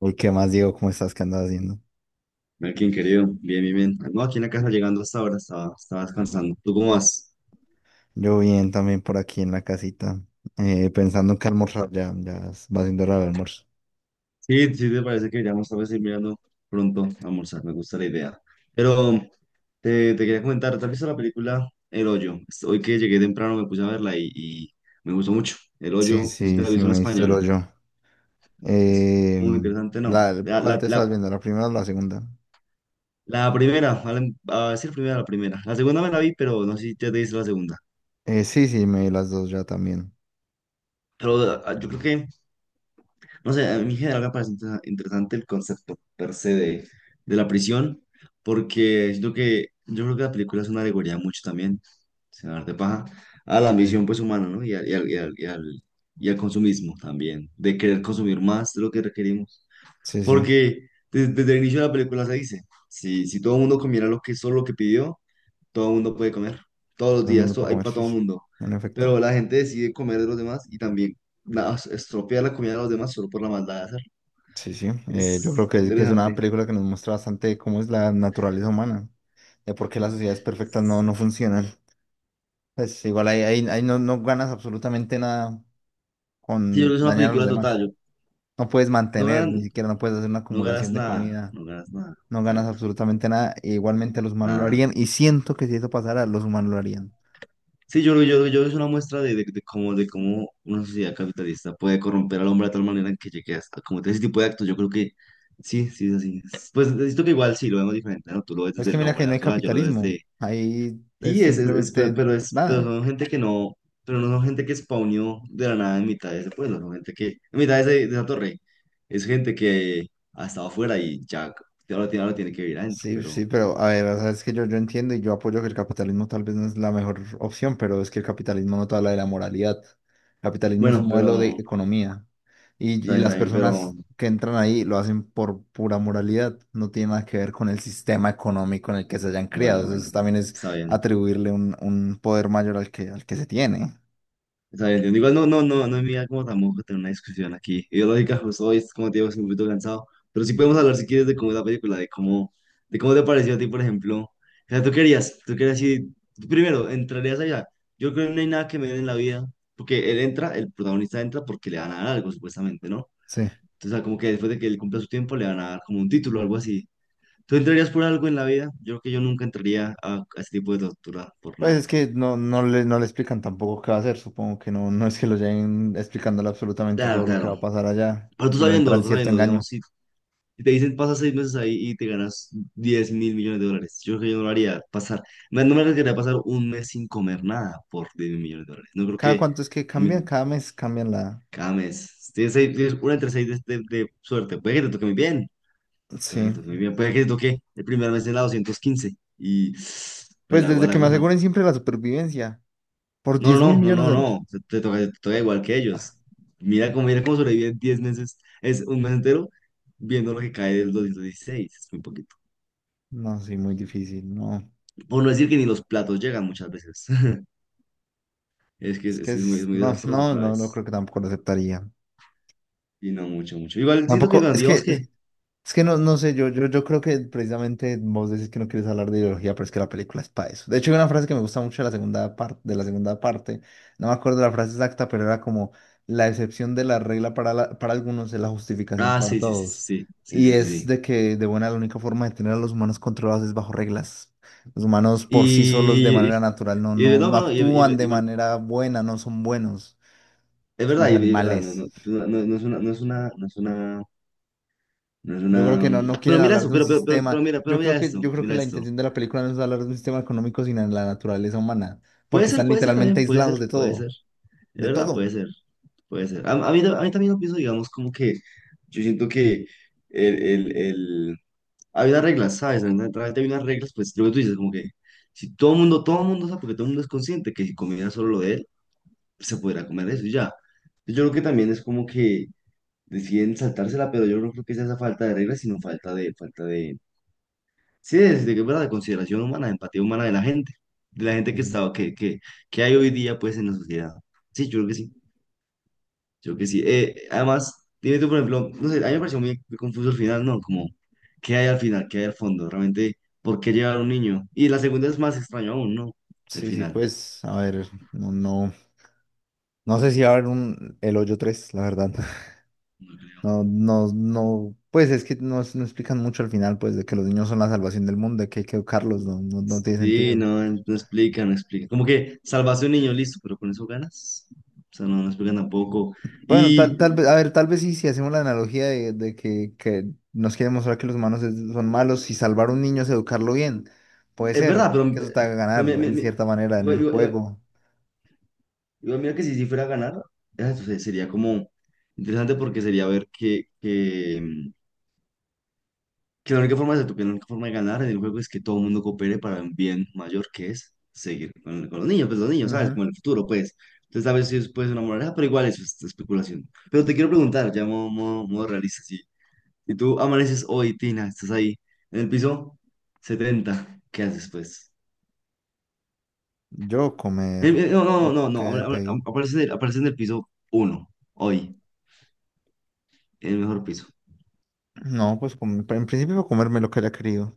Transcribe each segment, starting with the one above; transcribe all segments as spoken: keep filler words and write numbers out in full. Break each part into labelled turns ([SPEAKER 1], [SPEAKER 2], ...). [SPEAKER 1] Uy, ¿qué más, Diego? ¿Cómo estás? ¿Qué andas haciendo?
[SPEAKER 2] Melkin, querido, bien, bien, bien. No, aquí en la casa llegando hasta ahora, estaba, estaba descansando. ¿Tú cómo vas?
[SPEAKER 1] Yo bien, también por aquí en la casita, eh, pensando en qué almorzar, ya, ya es- va siendo hora del almuerzo.
[SPEAKER 2] Sí, sí, te parece que ya vamos a ir mirando pronto a almorzar, me gusta la idea. Pero te, te quería comentar, ¿te has visto la película El Hoyo? Hoy que llegué temprano me puse a verla y, y me gustó mucho. El
[SPEAKER 1] Sí,
[SPEAKER 2] Hoyo, no sé si te
[SPEAKER 1] sí,
[SPEAKER 2] la has
[SPEAKER 1] sí,
[SPEAKER 2] visto en
[SPEAKER 1] me diste el
[SPEAKER 2] española.
[SPEAKER 1] hoyo.
[SPEAKER 2] Es
[SPEAKER 1] Eh,
[SPEAKER 2] muy interesante, ¿no?
[SPEAKER 1] la,
[SPEAKER 2] La,
[SPEAKER 1] ¿cuál
[SPEAKER 2] la,
[SPEAKER 1] te estás
[SPEAKER 2] la,
[SPEAKER 1] viendo? ¿La primera o la segunda?
[SPEAKER 2] la primera, a, la- a decir primera, la primera. La segunda me la vi, pero no sé si te dice la segunda.
[SPEAKER 1] Eh, sí, sí, me vi las dos ya también.
[SPEAKER 2] Pero ah, yo creo que no sé, a mí en general me parece inter- interesante el concepto per se de, de la prisión, porque siento que yo creo que la película es una alegoría mucho también, sin hablar de paja, a la
[SPEAKER 1] Sí,
[SPEAKER 2] ambición pues humana, ¿no? Y al, y al, y al, y al- y al consumismo también, de querer consumir más de lo que requerimos.
[SPEAKER 1] sí, sí,
[SPEAKER 2] Porque desde, desde el inicio de la película se dice, si, si todo el mundo comiera lo que, solo lo que pidió, todo el mundo puede comer, todos los
[SPEAKER 1] lo
[SPEAKER 2] días
[SPEAKER 1] mismo
[SPEAKER 2] to-
[SPEAKER 1] puedo
[SPEAKER 2] hay
[SPEAKER 1] comer,
[SPEAKER 2] para
[SPEAKER 1] sí,
[SPEAKER 2] todo el
[SPEAKER 1] sí,
[SPEAKER 2] mundo,
[SPEAKER 1] en efecto.
[SPEAKER 2] pero la gente decide comer de los demás y también... na- estropear la comida de los demás solo por la maldad de hacerlo.
[SPEAKER 1] Sí, sí, eh, yo creo
[SPEAKER 2] Es
[SPEAKER 1] que, que es una
[SPEAKER 2] interesante.
[SPEAKER 1] película que nos muestra bastante cómo es la naturaleza humana, de por qué las sociedades perfectas no, no funcionan. Pues igual ahí, ahí, ahí no, no ganas absolutamente nada
[SPEAKER 2] Sí, yo creo
[SPEAKER 1] con
[SPEAKER 2] que es una
[SPEAKER 1] dañar a los
[SPEAKER 2] película total.
[SPEAKER 1] demás.
[SPEAKER 2] Yo,
[SPEAKER 1] No puedes
[SPEAKER 2] no
[SPEAKER 1] mantener, ni
[SPEAKER 2] ganan,
[SPEAKER 1] siquiera no puedes hacer una
[SPEAKER 2] no ganas
[SPEAKER 1] acumulación de
[SPEAKER 2] nada.
[SPEAKER 1] comida,
[SPEAKER 2] No ganas nada.
[SPEAKER 1] no ganas
[SPEAKER 2] Exacto.
[SPEAKER 1] absolutamente nada, e igualmente los humanos lo
[SPEAKER 2] Nada.
[SPEAKER 1] harían, y siento que si eso pasara, los humanos lo harían.
[SPEAKER 2] Sí, yo creo yo, creo- yo creo que es una muestra de, de, de cómo, de cómo una sociedad capitalista puede corromper al hombre de tal manera en que llegue a a cometer ese tipo de actos. Yo creo que sí, sí es así. Pues necesito que igual sí lo vemos diferente, ¿no? Tú lo ves
[SPEAKER 1] Pero es
[SPEAKER 2] desde
[SPEAKER 1] que
[SPEAKER 2] el
[SPEAKER 1] mira
[SPEAKER 2] hombre
[SPEAKER 1] que no hay
[SPEAKER 2] natural, yo lo veo
[SPEAKER 1] capitalismo,
[SPEAKER 2] desde...
[SPEAKER 1] ahí es
[SPEAKER 2] Y es, es, es- pe-
[SPEAKER 1] simplemente
[SPEAKER 2] pero es, pero
[SPEAKER 1] nada.
[SPEAKER 2] son gente que no, pero no son gente que spawneó de la nada en mitad de ese pueblo, son gente que, en mitad de, ese- de esa torre, es gente que ha estado afuera y ya, ahora tiene, ahora tiene que vivir adentro,
[SPEAKER 1] Sí,
[SPEAKER 2] pero,
[SPEAKER 1] sí, pero a ver, o sea, es que yo, yo entiendo y yo apoyo que el capitalismo tal vez no es la mejor opción, pero es que el capitalismo no te habla de la moralidad. El capitalismo es un
[SPEAKER 2] bueno,
[SPEAKER 1] modelo de
[SPEAKER 2] pero,
[SPEAKER 1] economía y,
[SPEAKER 2] está
[SPEAKER 1] y
[SPEAKER 2] bien, está
[SPEAKER 1] las
[SPEAKER 2] bien, pero,
[SPEAKER 1] personas que entran ahí lo hacen por pura moralidad, no tiene nada que ver con el sistema económico en el que se hayan criado.
[SPEAKER 2] bueno,
[SPEAKER 1] Eso es-
[SPEAKER 2] bueno,
[SPEAKER 1] también es
[SPEAKER 2] está bien.
[SPEAKER 1] atribuirle un, un poder mayor al que, al que se tiene.
[SPEAKER 2] Está bien, entiendo. Igual no, no, no, no es mi idea como tampoco tener una discusión aquí ideológica, justo hoy, es como te digo, estoy un poquito cansado, pero sí podemos hablar si quieres de cómo es la película, de cómo, de cómo te pareció a ti, por ejemplo. O sea, tú querías, tú querías ir, tú primero, entrarías allá. Yo creo que no hay nada que me den en la vida, porque él entra, el protagonista entra porque le van a dar algo, supuestamente, ¿no?
[SPEAKER 1] Sí.
[SPEAKER 2] Entonces, o sea, como que después de que él cumpla su tiempo, le van a dar como un título o algo así. ¿Tú entrarías por algo en la vida? Yo creo que yo nunca entraría a, a ese tipo de tortura por
[SPEAKER 1] Pues
[SPEAKER 2] nada.
[SPEAKER 1] es que no, no le, no le explican tampoco qué va a hacer, supongo que no, no es que lo lleguen explicándole absolutamente
[SPEAKER 2] Claro,
[SPEAKER 1] todo lo que va
[SPEAKER 2] claro.
[SPEAKER 1] a pasar allá,
[SPEAKER 2] Pero tú
[SPEAKER 1] sino
[SPEAKER 2] sabiendo,
[SPEAKER 1] entran
[SPEAKER 2] tú
[SPEAKER 1] cierto
[SPEAKER 2] sabiendo,
[SPEAKER 1] engaño.
[SPEAKER 2] digamos, si Si te dicen pasa seis meses ahí y te ganas diez mil millones de dólares, yo creo que yo no lo haría pasar, no no me arriesgaría a pasar un mes sin comer nada por diez mil millones de dólares. No creo
[SPEAKER 1] ¿Cada
[SPEAKER 2] que
[SPEAKER 1] cuánto es que
[SPEAKER 2] mi-
[SPEAKER 1] cambian? Cada mes cambian la...
[SPEAKER 2] cada mes, tienes, seis- tienes una entre seis de, de- de suerte, puede que te toque muy bien, puede que
[SPEAKER 1] Sí.
[SPEAKER 2] te toque muy bien, puede que te toque el primer mes en la doscientos quince y pues
[SPEAKER 1] Pues
[SPEAKER 2] la hago
[SPEAKER 1] desde que
[SPEAKER 2] la
[SPEAKER 1] me
[SPEAKER 2] cosa.
[SPEAKER 1] aseguren siempre la supervivencia, por
[SPEAKER 2] No,
[SPEAKER 1] diez mil
[SPEAKER 2] no, no,
[SPEAKER 1] millones
[SPEAKER 2] no,
[SPEAKER 1] de dólares.
[SPEAKER 2] no, te, te toca, te toca igual que
[SPEAKER 1] Ah,
[SPEAKER 2] ellos. Mira cómo, mira cómo sobreviven diez meses, es un mes entero, viendo lo que cae del doscientos dieciséis es muy poquito.
[SPEAKER 1] no, sí, muy difícil, no.
[SPEAKER 2] Por no decir que ni los platos llegan muchas veces. Es que es,
[SPEAKER 1] Es que
[SPEAKER 2] que es muy, es
[SPEAKER 1] es-
[SPEAKER 2] muy
[SPEAKER 1] no,
[SPEAKER 2] desastroso,
[SPEAKER 1] no, no, no
[SPEAKER 2] ¿sabes?
[SPEAKER 1] creo que tampoco lo aceptaría.
[SPEAKER 2] Y no, mucho, mucho. Igual siento que,
[SPEAKER 1] Tampoco,
[SPEAKER 2] bueno,
[SPEAKER 1] es que
[SPEAKER 2] digamos
[SPEAKER 1] es-
[SPEAKER 2] que.
[SPEAKER 1] Es que no, no sé, yo, yo, yo creo que precisamente vos decís que no quieres hablar de ideología, pero es que la película es para eso. De hecho, hay una frase que me gusta mucho de la segunda parte, de la segunda parte, no me acuerdo la frase exacta, pero era como la excepción de la regla para, la- para algunos es la justificación
[SPEAKER 2] Ah,
[SPEAKER 1] para
[SPEAKER 2] sí, sí, sí,
[SPEAKER 1] todos.
[SPEAKER 2] sí, sí,
[SPEAKER 1] Y
[SPEAKER 2] sí, sí.
[SPEAKER 1] es
[SPEAKER 2] Sí.
[SPEAKER 1] de que de buena la única forma de tener a los humanos controlados es bajo reglas. Los humanos por sí solos de
[SPEAKER 2] Y, y,
[SPEAKER 1] manera natural no,
[SPEAKER 2] y-
[SPEAKER 1] no,
[SPEAKER 2] no,
[SPEAKER 1] no
[SPEAKER 2] no, y, y-
[SPEAKER 1] actúan de
[SPEAKER 2] y ver-
[SPEAKER 1] manera buena, no son buenos,
[SPEAKER 2] es verdad,
[SPEAKER 1] somos
[SPEAKER 2] y, y verdad, no,
[SPEAKER 1] animales.
[SPEAKER 2] no, no, no- no es una, no es una, no es una, no es
[SPEAKER 1] Yo creo
[SPEAKER 2] una.
[SPEAKER 1] que no, no
[SPEAKER 2] Pero
[SPEAKER 1] quieren
[SPEAKER 2] mira
[SPEAKER 1] hablar
[SPEAKER 2] eso,
[SPEAKER 1] de un
[SPEAKER 2] pero, pero, pero,
[SPEAKER 1] sistema.
[SPEAKER 2] pero mira, pero
[SPEAKER 1] Yo
[SPEAKER 2] mira
[SPEAKER 1] creo que,
[SPEAKER 2] esto,
[SPEAKER 1] yo creo que
[SPEAKER 2] mira
[SPEAKER 1] la
[SPEAKER 2] esto.
[SPEAKER 1] intención de la película no es hablar de un sistema económico, sino de la naturaleza humana,
[SPEAKER 2] Puede
[SPEAKER 1] porque
[SPEAKER 2] ser,
[SPEAKER 1] están
[SPEAKER 2] puede ser
[SPEAKER 1] literalmente
[SPEAKER 2] también, puede
[SPEAKER 1] aislados
[SPEAKER 2] ser,
[SPEAKER 1] de
[SPEAKER 2] puede ser.
[SPEAKER 1] todo,
[SPEAKER 2] Es
[SPEAKER 1] de
[SPEAKER 2] verdad, puede
[SPEAKER 1] todo.
[SPEAKER 2] ser, puede ser. A, a mí, a mí también lo pienso, digamos, como que yo siento que el, el, el... Hay unas reglas, ¿sabes? A través de unas reglas, pues lo que tú dices, como que si todo el mundo, todo el mundo sabe, porque todo el mundo es consciente que si comiera solo lo de él, se podrá comer eso y ya. Pues, yo creo que también es como que deciden saltársela, pero yo no creo que sea esa falta de reglas, sino falta de, falta de, sí, de, de, verdad, de consideración humana, de empatía humana de la gente, de la gente que
[SPEAKER 1] Ujú.
[SPEAKER 2] estaba, que, que, que hay hoy día, pues, en la sociedad. Sí, yo creo que sí. Yo que sí. Eh, además, dime tú, por ejemplo, no sé, a mí me pareció muy, muy confuso el final, ¿no? Como, ¿qué hay al final? ¿Qué hay al fondo? Realmente, ¿por qué llevar a un niño? Y la segunda es más extraño aún, ¿no? El
[SPEAKER 1] Sí, sí,
[SPEAKER 2] final.
[SPEAKER 1] pues, a ver, no, no, no sé si va a haber un El Hoyo tres la verdad.
[SPEAKER 2] No creo.
[SPEAKER 1] No, no, no, pues es que no, no explican mucho al final, pues, de que los niños son la salvación del mundo, de que hay que educarlos, no, no, no tiene
[SPEAKER 2] Sí,
[SPEAKER 1] sentido.
[SPEAKER 2] no, no explica, no explica. Como que salvaste a un niño, listo, pero con eso ganas. O sea, no, no explican tampoco.
[SPEAKER 1] Bueno,
[SPEAKER 2] Y
[SPEAKER 1] tal, tal vez, a ver, tal vez sí, si hacemos la analogía de, de que, que nos quiere mostrar que los humanos es- son malos y salvar a un niño es educarlo bien. Puede
[SPEAKER 2] es
[SPEAKER 1] ser
[SPEAKER 2] verdad, pero,
[SPEAKER 1] que eso te haga
[SPEAKER 2] pero
[SPEAKER 1] ganar
[SPEAKER 2] mi- mi-
[SPEAKER 1] en
[SPEAKER 2] mi-
[SPEAKER 1] cierta manera en
[SPEAKER 2] igual,
[SPEAKER 1] el
[SPEAKER 2] igual- igual-
[SPEAKER 1] juego.
[SPEAKER 2] igual mira que si, si fuera a ganar, eh, se- sería como interesante porque sería ver que, Que la única forma de, que la única forma de ganar en el juego es que todo el mundo coopere para un bien mayor, que es seguir con, con los niños, pues los niños, ¿sabes?
[SPEAKER 1] Ujú.
[SPEAKER 2] Como el futuro, pues. Entonces, a veces puedes ser una moraleja, pero igual eso es especulación. Pero te quiero preguntar, ya modo, modo, modo realista, sí. Si tú amaneces hoy, Tina, estás ahí, en el piso setenta, ¿qué haces, pues?
[SPEAKER 1] Yo
[SPEAKER 2] Eh,
[SPEAKER 1] comer
[SPEAKER 2] eh, no, no,
[SPEAKER 1] lo
[SPEAKER 2] no,
[SPEAKER 1] que
[SPEAKER 2] no, ama-
[SPEAKER 1] haya
[SPEAKER 2] ama-
[SPEAKER 1] pedido.
[SPEAKER 2] aparece en el, aparece en el piso uno, hoy, en el mejor piso.
[SPEAKER 1] No, pues com- en principio comerme lo que haya querido,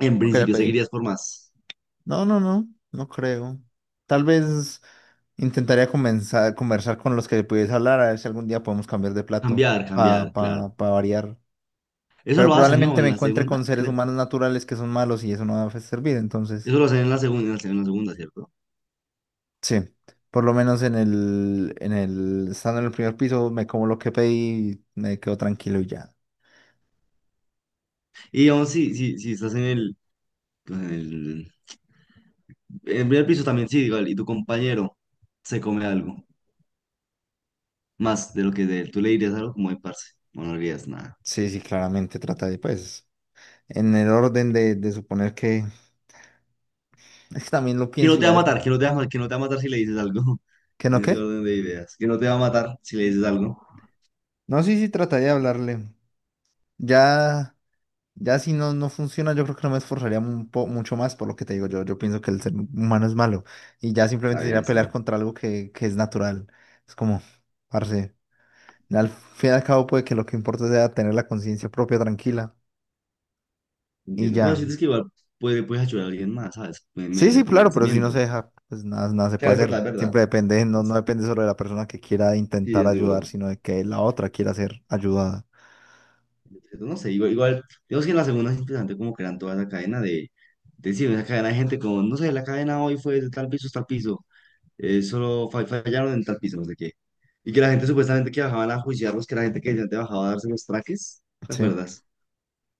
[SPEAKER 2] En
[SPEAKER 1] lo que haya
[SPEAKER 2] principio,
[SPEAKER 1] pedido.
[SPEAKER 2] seguirías por más.
[SPEAKER 1] No, no, no, no creo. Tal vez intentaría comenzar, conversar con los que pudiese hablar, a ver si algún día podemos cambiar de plato
[SPEAKER 2] Cambiar,
[SPEAKER 1] para
[SPEAKER 2] cambiar, claro.
[SPEAKER 1] pa, pa pa variar.
[SPEAKER 2] Eso
[SPEAKER 1] Pero
[SPEAKER 2] lo hacen, ¿no?
[SPEAKER 1] probablemente
[SPEAKER 2] En
[SPEAKER 1] me
[SPEAKER 2] la
[SPEAKER 1] encuentre
[SPEAKER 2] segunda,
[SPEAKER 1] con seres humanos naturales que son malos y eso no va a servir. Entonces,
[SPEAKER 2] eso lo hacen en la segunda, en la segunda, ¿cierto?
[SPEAKER 1] sí, por lo menos en el, en el, estando en el primer piso, me como lo que pedí me quedo tranquilo y ya.
[SPEAKER 2] Y aún si, si, si estás en el, pues, en el, en el primer piso también, sí, igual, y tu compañero se come algo más de lo que de él, tú le dirías algo como de parce, o no le dirías nada.
[SPEAKER 1] Sí, sí, claramente trata de, pues, en el orden de, de suponer que, es que también lo
[SPEAKER 2] Que
[SPEAKER 1] pienso
[SPEAKER 2] no te va a
[SPEAKER 1] ya,
[SPEAKER 2] matar, que no te va, a ma- que no te va a matar si le dices algo,
[SPEAKER 1] ¿que no
[SPEAKER 2] en ese
[SPEAKER 1] qué?
[SPEAKER 2] orden de ideas. Que no te va a matar si le dices algo.
[SPEAKER 1] No, sí, sí, trata de hablarle. Ya. Ya si no, no funciona, yo creo que no me esforzaría un po- mucho más por lo que te digo. Yo, yo pienso que el ser humano es malo y ya
[SPEAKER 2] Está
[SPEAKER 1] simplemente
[SPEAKER 2] bien,
[SPEAKER 1] sería
[SPEAKER 2] está
[SPEAKER 1] pelear
[SPEAKER 2] bien.
[SPEAKER 1] contra algo que, que es natural. Es como, parce, al fin y al cabo puede que lo que importa sea tener la conciencia propia tranquila y
[SPEAKER 2] Entiendo. Pero
[SPEAKER 1] ya.
[SPEAKER 2] sientes que igual puede, puedes ayudar a alguien más, ¿sabes?
[SPEAKER 1] Sí,
[SPEAKER 2] Mediante
[SPEAKER 1] sí,
[SPEAKER 2] el
[SPEAKER 1] claro, pero si no
[SPEAKER 2] convencimiento.
[SPEAKER 1] se deja, pues nada, nada se
[SPEAKER 2] Claro, es
[SPEAKER 1] puede hacer.
[SPEAKER 2] verdad, es verdad.
[SPEAKER 1] Siempre depende, no, no
[SPEAKER 2] Es-
[SPEAKER 1] depende solo de la persona que quiera
[SPEAKER 2] sí,
[SPEAKER 1] intentar
[SPEAKER 2] es
[SPEAKER 1] ayudar,
[SPEAKER 2] duro.
[SPEAKER 1] sino de que la otra quiera ser ayudada.
[SPEAKER 2] No sé, igual, igual, digamos que en la segunda es interesante como crean toda esa cadena de, de sí, esa cadena de gente como, no sé, la cadena hoy fue de tal piso hasta tal piso, eh, solo fa- fallaron en tal piso, no sé qué. Y que la gente supuestamente que bajaban a juiciarlos, que la gente que decía te bajaba a darse los traques, ¿te
[SPEAKER 1] Sí,
[SPEAKER 2] acuerdas?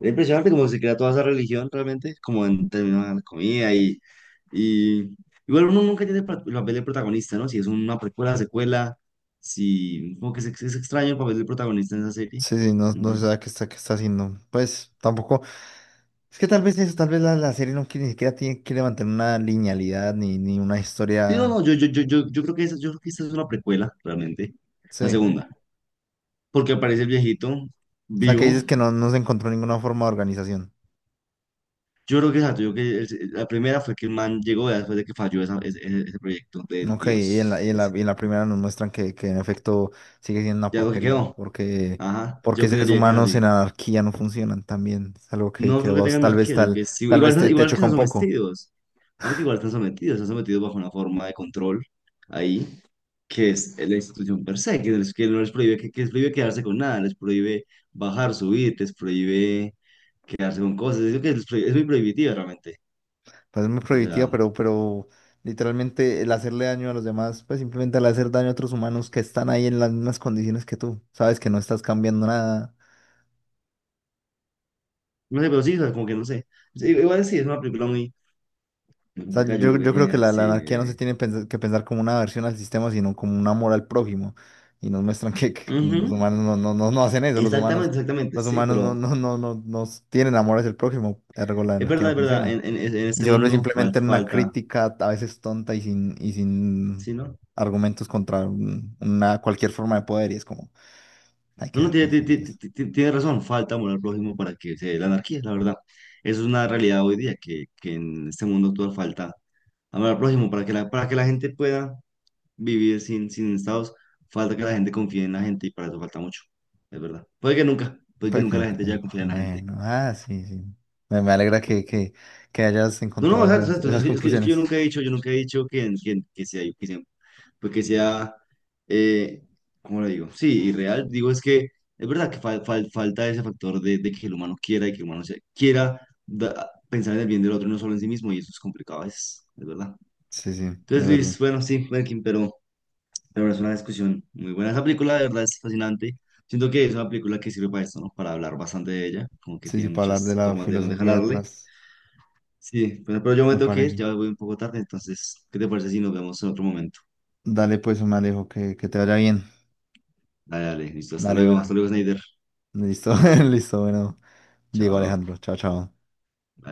[SPEAKER 2] Es impresionante como se crea toda esa religión realmente, como en términos de la comida y, y igual uno nunca tiene el pa- el papel de protagonista, ¿no? Si es una precuela, secuela, si como que es, es extraño el papel del protagonista en esa serie,
[SPEAKER 1] sí, sí, no,
[SPEAKER 2] no
[SPEAKER 1] no se
[SPEAKER 2] sé.
[SPEAKER 1] sabe qué está, qué está haciendo. Pues tampoco. Es que tal vez eso, tal vez la, la serie no quiere, ni siquiera tiene, quiere mantener una linealidad ni, ni una
[SPEAKER 2] Sí, no,
[SPEAKER 1] historia.
[SPEAKER 2] no, yo, yo, yo, yo, yo creo que esa, yo creo que esa es una precuela, realmente. La
[SPEAKER 1] Sí.
[SPEAKER 2] segunda. Porque aparece el viejito
[SPEAKER 1] O sea, que dices
[SPEAKER 2] vivo.
[SPEAKER 1] que no, no se encontró ninguna forma de organización.
[SPEAKER 2] Yo creo que exacto, yo creo que el- la primera fue que el man llegó ya después de que falló esa- ese, ese- ese proyecto del
[SPEAKER 1] Ok, y en la,
[SPEAKER 2] Dios.
[SPEAKER 1] y en
[SPEAKER 2] Ese.
[SPEAKER 1] la, y en la primera nos muestran que, que en efecto sigue siendo una
[SPEAKER 2] Ya lo que
[SPEAKER 1] porquería,
[SPEAKER 2] quedó.
[SPEAKER 1] porque,
[SPEAKER 2] Ajá,
[SPEAKER 1] porque
[SPEAKER 2] yo
[SPEAKER 1] seres
[SPEAKER 2] creería que es
[SPEAKER 1] humanos
[SPEAKER 2] así.
[SPEAKER 1] en anarquía no funcionan también. Es algo que,
[SPEAKER 2] No
[SPEAKER 1] que
[SPEAKER 2] creo que
[SPEAKER 1] vos
[SPEAKER 2] tengan
[SPEAKER 1] tal vez
[SPEAKER 2] anarquía, yo creo
[SPEAKER 1] tal,
[SPEAKER 2] que sí.
[SPEAKER 1] tal
[SPEAKER 2] Igual,
[SPEAKER 1] vez
[SPEAKER 2] no,
[SPEAKER 1] te, te
[SPEAKER 2] igual que
[SPEAKER 1] choca
[SPEAKER 2] están
[SPEAKER 1] un poco.
[SPEAKER 2] sometidos. No, que igual están sometidos, están sometidos bajo una forma de control ahí, que es la institución per se, que, no les- que no les prohíbe, que, que les prohíbe quedarse con nada, les prohíbe bajar, subir, les prohíbe quedarse con cosas. Es, lo que les prohí- es muy prohibitiva realmente.
[SPEAKER 1] Pues es muy
[SPEAKER 2] O
[SPEAKER 1] prohibitiva,
[SPEAKER 2] sea,
[SPEAKER 1] pero, pero literalmente el hacerle daño a los demás, pues simplemente al hacer daño a otros humanos que están ahí en las mismas condiciones que tú, sabes que no estás cambiando nada.
[SPEAKER 2] no sé, pero sí, o sea, como que no sé. Sí, igual sí, es una película muy muy
[SPEAKER 1] O sea,
[SPEAKER 2] complicada, yo
[SPEAKER 1] yo,
[SPEAKER 2] lo que
[SPEAKER 1] yo creo que
[SPEAKER 2] tiene,
[SPEAKER 1] la, la
[SPEAKER 2] sí,
[SPEAKER 1] anarquía no se
[SPEAKER 2] eh.
[SPEAKER 1] tiene pens- que pensar como una aversión al sistema, sino como un amor al prójimo. Y nos muestran que, que
[SPEAKER 2] Ujú.
[SPEAKER 1] los humanos no, no, no, no hacen eso, los humanos,
[SPEAKER 2] Exactamente, exactamente,
[SPEAKER 1] los
[SPEAKER 2] sí,
[SPEAKER 1] humanos no,
[SPEAKER 2] pero
[SPEAKER 1] no, no, no, no tienen amor hacia el prójimo, ergo la
[SPEAKER 2] es
[SPEAKER 1] anarquía
[SPEAKER 2] verdad,
[SPEAKER 1] no
[SPEAKER 2] es verdad,
[SPEAKER 1] funciona.
[SPEAKER 2] en, en, en
[SPEAKER 1] Y
[SPEAKER 2] este
[SPEAKER 1] se vuelve
[SPEAKER 2] mundo falta,
[SPEAKER 1] simplemente una
[SPEAKER 2] falta,
[SPEAKER 1] crítica a veces tonta y sin, y sin
[SPEAKER 2] sí, ¿no?
[SPEAKER 1] argumentos contra un- una, cualquier forma de poder. Y es como, hay
[SPEAKER 2] No,
[SPEAKER 1] que
[SPEAKER 2] no,
[SPEAKER 1] ser
[SPEAKER 2] tiene, tiene- tiene-
[SPEAKER 1] conscientes.
[SPEAKER 2] tiene- tiene razón, falta amor al prójimo para que se dé la anarquía, la verdad. Eso es una realidad hoy día, que, que en este mundo actual falta amor al prójimo para que la, para que la gente pueda vivir sin, sin estados, falta que la gente confíe en la gente y para eso falta mucho, es verdad. Puede que nunca, puede que
[SPEAKER 1] Puede que
[SPEAKER 2] nunca la
[SPEAKER 1] nunca
[SPEAKER 2] gente
[SPEAKER 1] te-
[SPEAKER 2] ya confíe en la gente.
[SPEAKER 1] Bueno, ah, sí, sí. Me, me alegra que, que, que hayas
[SPEAKER 2] No, no,
[SPEAKER 1] encontrado
[SPEAKER 2] exacto,
[SPEAKER 1] esas,
[SPEAKER 2] exacto, es
[SPEAKER 1] esas
[SPEAKER 2] que, es que, es que yo
[SPEAKER 1] conclusiones.
[SPEAKER 2] nunca he dicho, yo nunca he dicho que, que, que, si hay- que siempre pues que sea, eh, ¿cómo lo digo? Sí, irreal. Digo, es que es verdad que fal- fal- falta ese factor de, de que el humano quiera y que el humano se, quiera da- pensar en el bien del otro y no solo en sí mismo, y eso es complicado, es, es verdad.
[SPEAKER 1] Sí, sí, de
[SPEAKER 2] Entonces,
[SPEAKER 1] verdad.
[SPEAKER 2] Luis, bueno, sí, Merkin, pero, pero es una discusión muy buena. Esa película, de verdad, es fascinante. Siento que es una película que sirve para esto, ¿no? Para hablar bastante de ella, como que
[SPEAKER 1] Sí, sí,
[SPEAKER 2] tiene
[SPEAKER 1] para hablar de
[SPEAKER 2] muchas
[SPEAKER 1] la
[SPEAKER 2] formas de donde
[SPEAKER 1] filosofía
[SPEAKER 2] jalarle.
[SPEAKER 1] detrás,
[SPEAKER 2] Sí, bueno pero yo me
[SPEAKER 1] me
[SPEAKER 2] tengo que ir,
[SPEAKER 1] parece.
[SPEAKER 2] ya voy un poco tarde, entonces, ¿qué te parece si nos vemos en otro momento?
[SPEAKER 1] Dale, pues, me alejo, que, que te vaya bien.
[SPEAKER 2] Dale, dale, listo, hasta
[SPEAKER 1] Dale,
[SPEAKER 2] luego, hasta
[SPEAKER 1] bueno.
[SPEAKER 2] luego, Snyder.
[SPEAKER 1] Listo, listo, bueno. Diego
[SPEAKER 2] Chao.
[SPEAKER 1] Alejandro, chao, chao.
[SPEAKER 2] Bye.